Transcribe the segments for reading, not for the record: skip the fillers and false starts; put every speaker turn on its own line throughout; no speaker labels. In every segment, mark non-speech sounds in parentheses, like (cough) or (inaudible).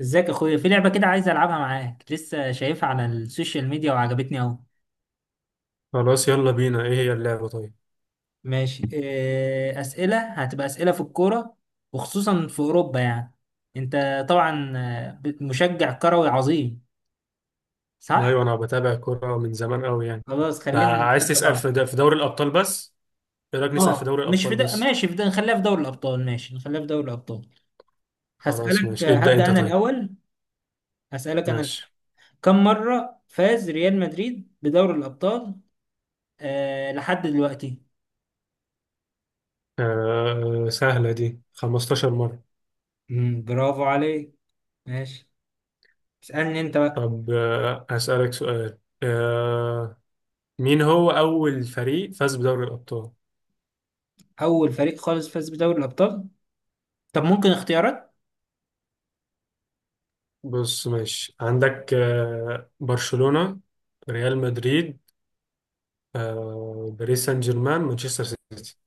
ازيك يا اخويا؟ في لعبة كده عايز العبها معاك، لسه شايفها على السوشيال ميديا وعجبتني اهو.
خلاص يلا بينا. ايه هي اللعبة طيب؟
ماشي إيه، اسئلة، هتبقى اسئلة في الكورة وخصوصا في اوروبا يعني. انت طبعا مشجع كروي عظيم،
ايوه
صح؟
انا بتابع الكورة من زمان قوي يعني.
خلاص خلينا
فعايز
نتحدى
تسأل في
بعض.
في دوري الابطال بس؟ ايه رأيك نسأل في
اه
دوري
مش في
الابطال
ده،
بس؟
ماشي في ده، نخليها في دوري الابطال، ماشي نخليها في دوري الابطال.
خلاص
هسألك،
ماشي، ابدأ
هبدأ
انت
انا
طيب.
الاول. هسألك انا الأول.
ماشي.
كم مرة فاز ريال مدريد بدوري الابطال؟ لحد دلوقتي؟
سهلة دي، 15 مرة.
برافو عليك. ماشي، اسألني انت بقى.
طب هسألك سؤال. مين هو اول فريق فاز بدوري الابطال؟
اول فريق خالص فاز بدوري الابطال؟ طب ممكن اختيارات؟
بص، ماشي، عندك برشلونة، ريال مدريد، باريس سان جيرمان، مانشستر سيتي.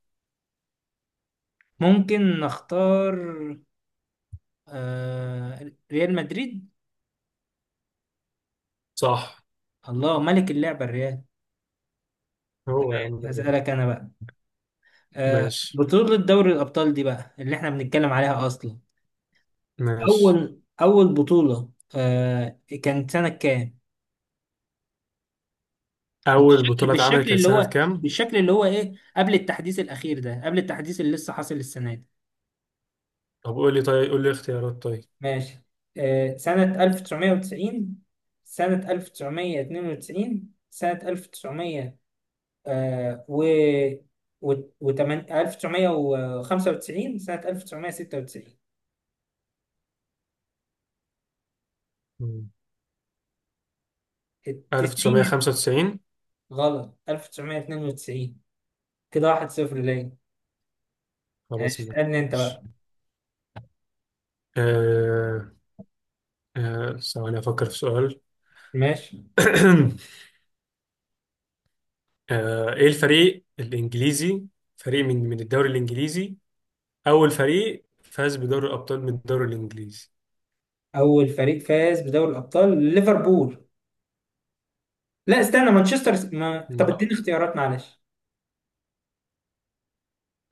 ممكن نختار؟ ريال مدريد.
صح.
الله ملك اللعبة الريال.
هو يا عم.
هسألك انا بقى.
ماشي،
بطولة دوري الابطال دي بقى اللي احنا بنتكلم عليها اصلا.
ماشي.
اول اول بطولة، كانت سنة كام؟
أول
بالشكل
بطولة اتعملت
بالشكل
كانت
اللي
سنة
هو،
كام؟
بالشكل اللي هو ايه قبل التحديث الاخير ده، قبل التحديث اللي لسه حاصل السنة دي.
طب قول لي، طيب قول لي اختيارات طيب.
ماشي. سنة 1990، سنة 1992، سنة 1900، آه، و و 1995، سنة 1996.
مم.
التسعين.
1995.
غلط، 1992. كده 1-0 ليا.
خلاص
ماشي، اسألني انت
ماشي.
بقى.
آه ثواني أفكر في سؤال.
ماشي.
(clears throat) إيه الفريق الإنجليزي، فريق من الدوري الإنجليزي، أول فريق فاز بدوري الأبطال من الدوري الإنجليزي؟
أول فريق فاز بدوري الأبطال؟ ليفربول. لا استنى، مانشستر ما... طب
لا.
اديني اختيارات معلش.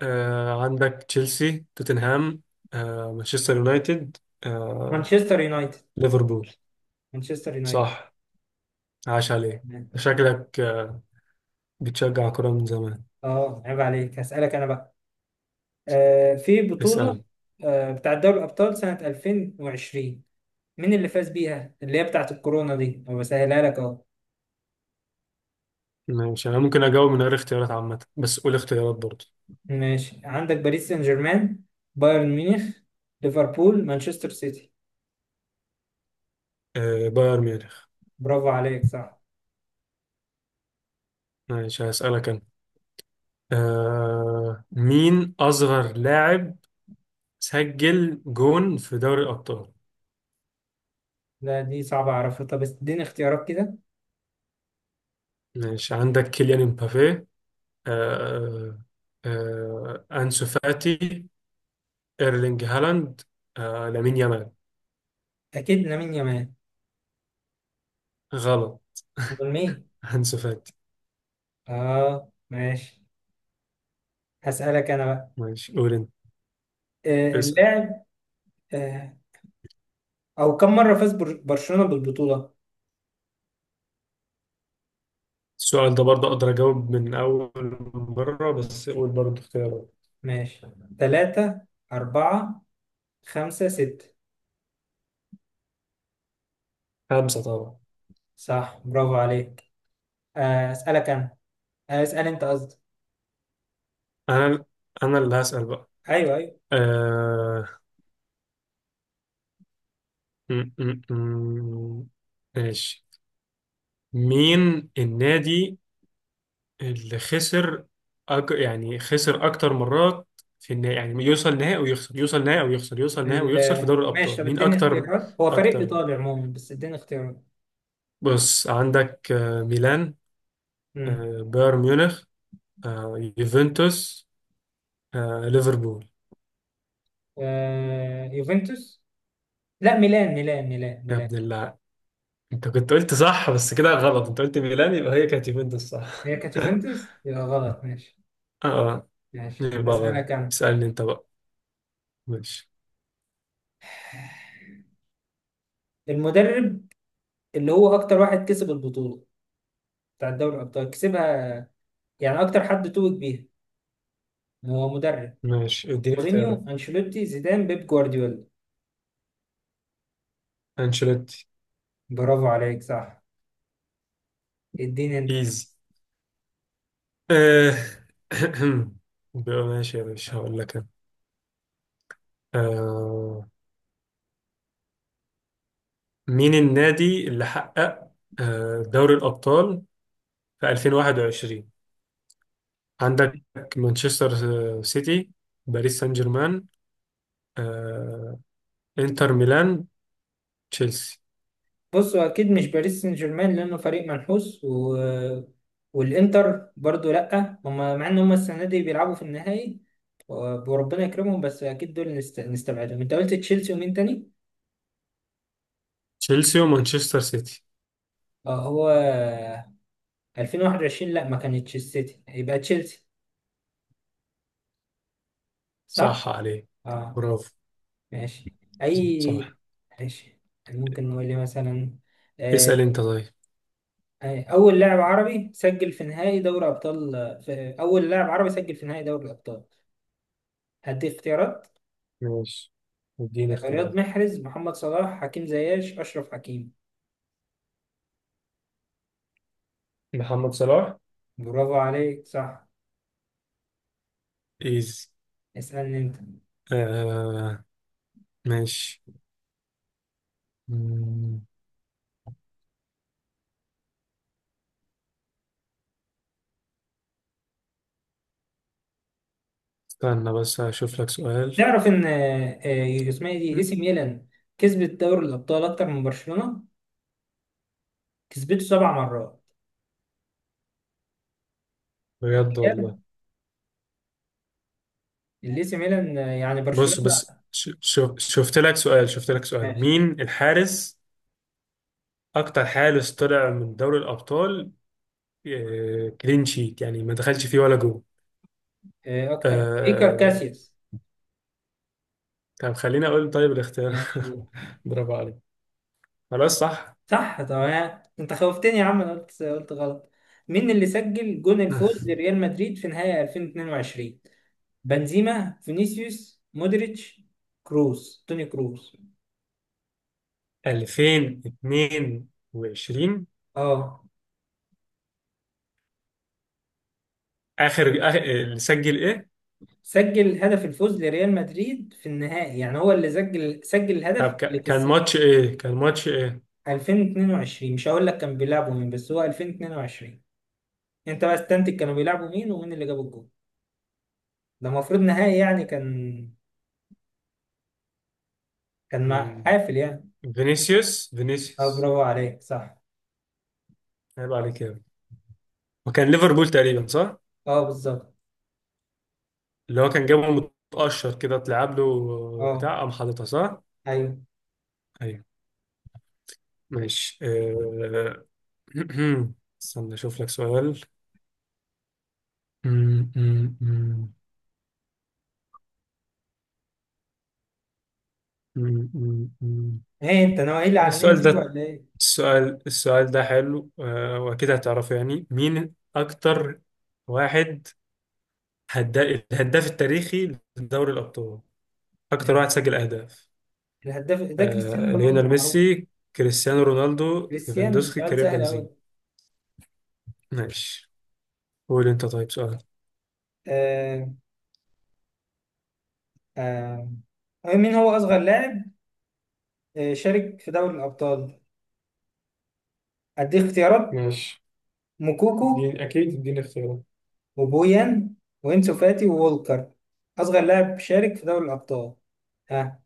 عندك تشيلسي، توتنهام، مانشستر يونايتد، آه
مانشستر يونايتد.
ليفربول.
مانشستر يونايتد.
صح، عاش عليه. شكلك بتشجع كرة من زمان.
اه، عيب عليك. هسألك انا بقى. في بطولة
اسأل.
بتاعت دوري الابطال سنة 2020، مين اللي فاز بيها؟ اللي هي بتاعت الكورونا دي، أنا بسهلها لك اهو.
ماشي، أنا ممكن أجاوب من غير اختيارات عامة، بس قول اختيارات برضه.
ماشي، عندك باريس سان جيرمان، بايرن ميونخ، ليفربول، مانشستر سيتي.
بايرن ميونخ.
برافو عليك، صح.
ماشي، هسألك أنا. مين أصغر لاعب سجل جون في دوري الأبطال؟
لا دي صعبة اعرفها. طب اديني اختيارات كده.
ماشي، عندك كيليان امبابي، آه أنسو فاتي، إيرلينج هالاند، لامين يامال.
اكيد لامين يامال.
غلط.
امال مين؟
(laughs) أنسو فاتي.
اه، ماشي. هسألك انا بقى.
ماشي، قول أنت، اسأل.
اللاعب. آه او كم مرة فاز برشلونة بالبطولة؟
السؤال ده برضه أقدر أجاوب من أول مرة، بس قول برضه اختيارات.
ماشي، تلاتة، أربعة، خمسة، ستة.
خمسة طبعا.
صح، برافو عليك. أسألك أنا. أسأل أنت قصدي.
أنا أنا اللي هسأل بقى.
أيوه أيوه.
آه... م- م- م- ماشي. مين النادي اللي خسر يعني خسر أكتر مرات في النهائي؟ يعني يوصل نهائي ويخسر، يوصل نهائي ويخسر، يوصل نهائي ويخسر في دوري
ماشي،
الأبطال،
طب
مين
اديني
أكتر؟
اختيارات، هو فريق
أكتر.
إيطالي عموما بس اديني اختيارات.
بص، عندك ميلان،
مم.
بايرن ميونخ، يوفنتوس، ليفربول.
يوفنتوس. لا، ميلان ميلان ميلان
يا
ميلان.
ابن الله، انت كنت قلت صح بس كده غلط، انت قلت ميلان، يبقى هي كانت يوفنتوس
هي
صح.
كانت
(laughs)
يوفنتوس، يبقى غلط. ماشي.
اه،
ماشي،
يبقى غلط.
أسألك أنا.
اسألني انت بقى. ماشي،
المدرب اللي هو أكتر واحد كسب البطولة بتاع دوري الأبطال كسبها، يعني أكتر حد توج بيها، هو مدرب.
ماشي. اديني اختيارات.
مورينيو، انشيلوتي، زيدان، بيب جوارديولا.
انشيلوتي.
برافو عليك، صح. اديني انت.
ايزي. آه. (clears throat) بقى ماشي يا باشا، هقول لك أنا. آه. مين النادي اللي حقق دوري الأبطال في 2021؟ عندك مانشستر سيتي، باريس سان جيرمان، آه، انتر ميلان، تشيلسي.
بص، هو اكيد مش باريس سان جيرمان لانه فريق منحوس و... والانتر برضو لا هم، مع ان هم السنه دي بيلعبوا في النهائي. و- وربنا يكرمهم، بس اكيد دول نستبعدهم. انت قلت تشيلسي ومين تاني؟
تشيلسي ومانشستر سيتي.
اه هو 2021، لا ما كانتش السيتي، يبقى تشيلسي،
صح
صح.
عليك،
اه
برافو،
ماشي. اي.
صح.
ماشي. ممكن نقول لي مثلا آه،
اسأل انت طيب.
اول لاعب عربي سجل في نهائي دوري ابطال، في اول لاعب عربي سجل في نهائي دوري الابطال؟ هدي اختيارات.
ماشي، اديني
رياض
اختيارات.
محرز، محمد صلاح، حكيم زياش، اشرف حكيم.
محمد صلاح.
برافو عليك، صح.
ايز.
اسالني انت.
آه ماشي. مم، استنى بس هشوف لك سؤال.
تعرف ان اسمها إيه؟ دي اي
مم،
سي ميلان كسبت دوري الابطال اكتر من برشلونه، كسبته 7 مرات.
بجد والله.
الاي سي ميلان يعني
بص،
برشلونه.
بس شوف، شفت لك سؤال،
ماشي.
مين الحارس، اكتر حارس طلع من دوري الابطال كلين شيت، يعني ما دخلش فيه ولا جول؟
اكتر. ايكر
آه
كاسياس.
طب خليني اقول طيب الاختيار.
ماشي.
(laughs) برافو عليك، خلاص صح.
صح طبعا، انت خوفتني يا عم، انا قلت غلط. مين اللي سجل جون الفوز
(laughs)
لريال مدريد في نهائي 2022؟ بنزيما، فينيسيوس، مودريتش، كروس، توني كروس.
2022،
اه،
اللي سجل ايه؟
سجل هدف الفوز لريال مدريد في النهائي، يعني هو اللي سجل
طب
الهدف اللي
ك- كان
كسب.
ماتش ايه كان ماتش ايه؟
2022، مش هقول لك كان بيلعبوا مين بس هو 2022. انت بقى استنتج كانوا بيلعبوا مين ومين اللي جاب الجون. ده المفروض نهائي يعني، كان مع
مم.
حافل يعني.
فينيسيوس
اه،
فينيسيوس.
برافو عليك، صح.
عيب عليك يا ابني. وكان ليفربول تقريبا صح؟
اه، بالظبط.
اللي هو كان جابه متقشر كده، اتلعب له،
اه،
بتاع قام حاططها، صح.
ايوه.
ايوه. ماشي. (clears throat) استنى اشوف لك سؤال. مم، مم، مم، مم، مم، مم.
ايه انت نوايا العلنيه
السؤال
فيه
ده
ولا ايه؟
السؤال ده حلو. واكيد هتعرفه، يعني مين اكتر واحد، هدا- الهداف التاريخي لدوري الأبطال، أكتر واحد سجل أهداف؟
الهداف ده كريستيانو رونالدو
ليونيل
معروف.
ميسي، كريستيانو رونالدو،
كريستيانو،
ليفاندوسكي،
سؤال
كريم
سهل قوي.
بنزيما. ماشي، قول أنت طيب سؤال.
آه آه مين هو اصغر لاعب شارك في دوري الابطال؟ اديك اختيارات.
ماشي،
موكوكو،
اديني اختيارات.
وبويان، وانسو فاتي، وولكر. اصغر لاعب شارك في دوري الابطال؟ ها،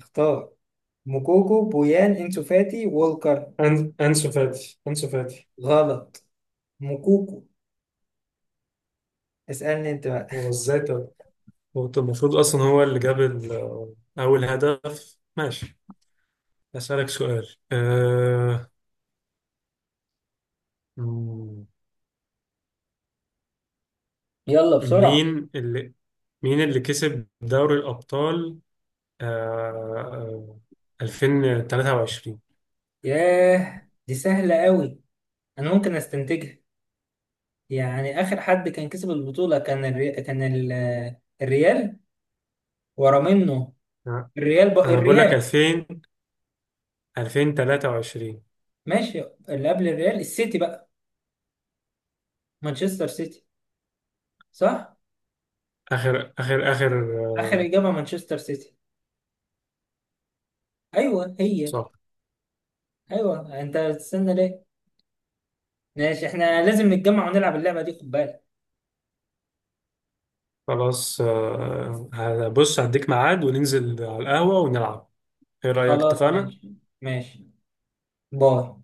اختار. موكوكو، بويان، انسو فاتي، وولكر.
أن... انسو فاتي انسو فاتي.
غلط. موكوكو. اسألني انت بقى.
هو ازاي طب؟ هو طب المفروض أصلا هو اللي جاب أول هدف، ماشي. أسألك سؤال. أه... مم،
يلا بسرعة.
مين اللي مين اللي كسب دوري الأبطال آه، 2023؟
ياه، دي سهلة قوي. انا ممكن استنتجها. يعني اخر حد كان كسب البطوله كان الريال. ورا منه.
آه،
الريال، بقى
انا بقول لك
الريال.
2000، 2023.
ماشي، اللي قبل الريال السيتي بقى. مانشستر سيتي. صح.
اخر
اخر
آه،
اجابه مانشستر سيتي. ايوه هي.
صح.
ايوه، انت بتستنى ليه؟ ماشي، احنا لازم نتجمع ونلعب اللعبه دي، خد بالك.
خلاص، هبص هديك ميعاد وننزل على القهوة ونلعب. ايه رأيك،
خلاص
اتفقنا؟
ماشي. ماشي. باي.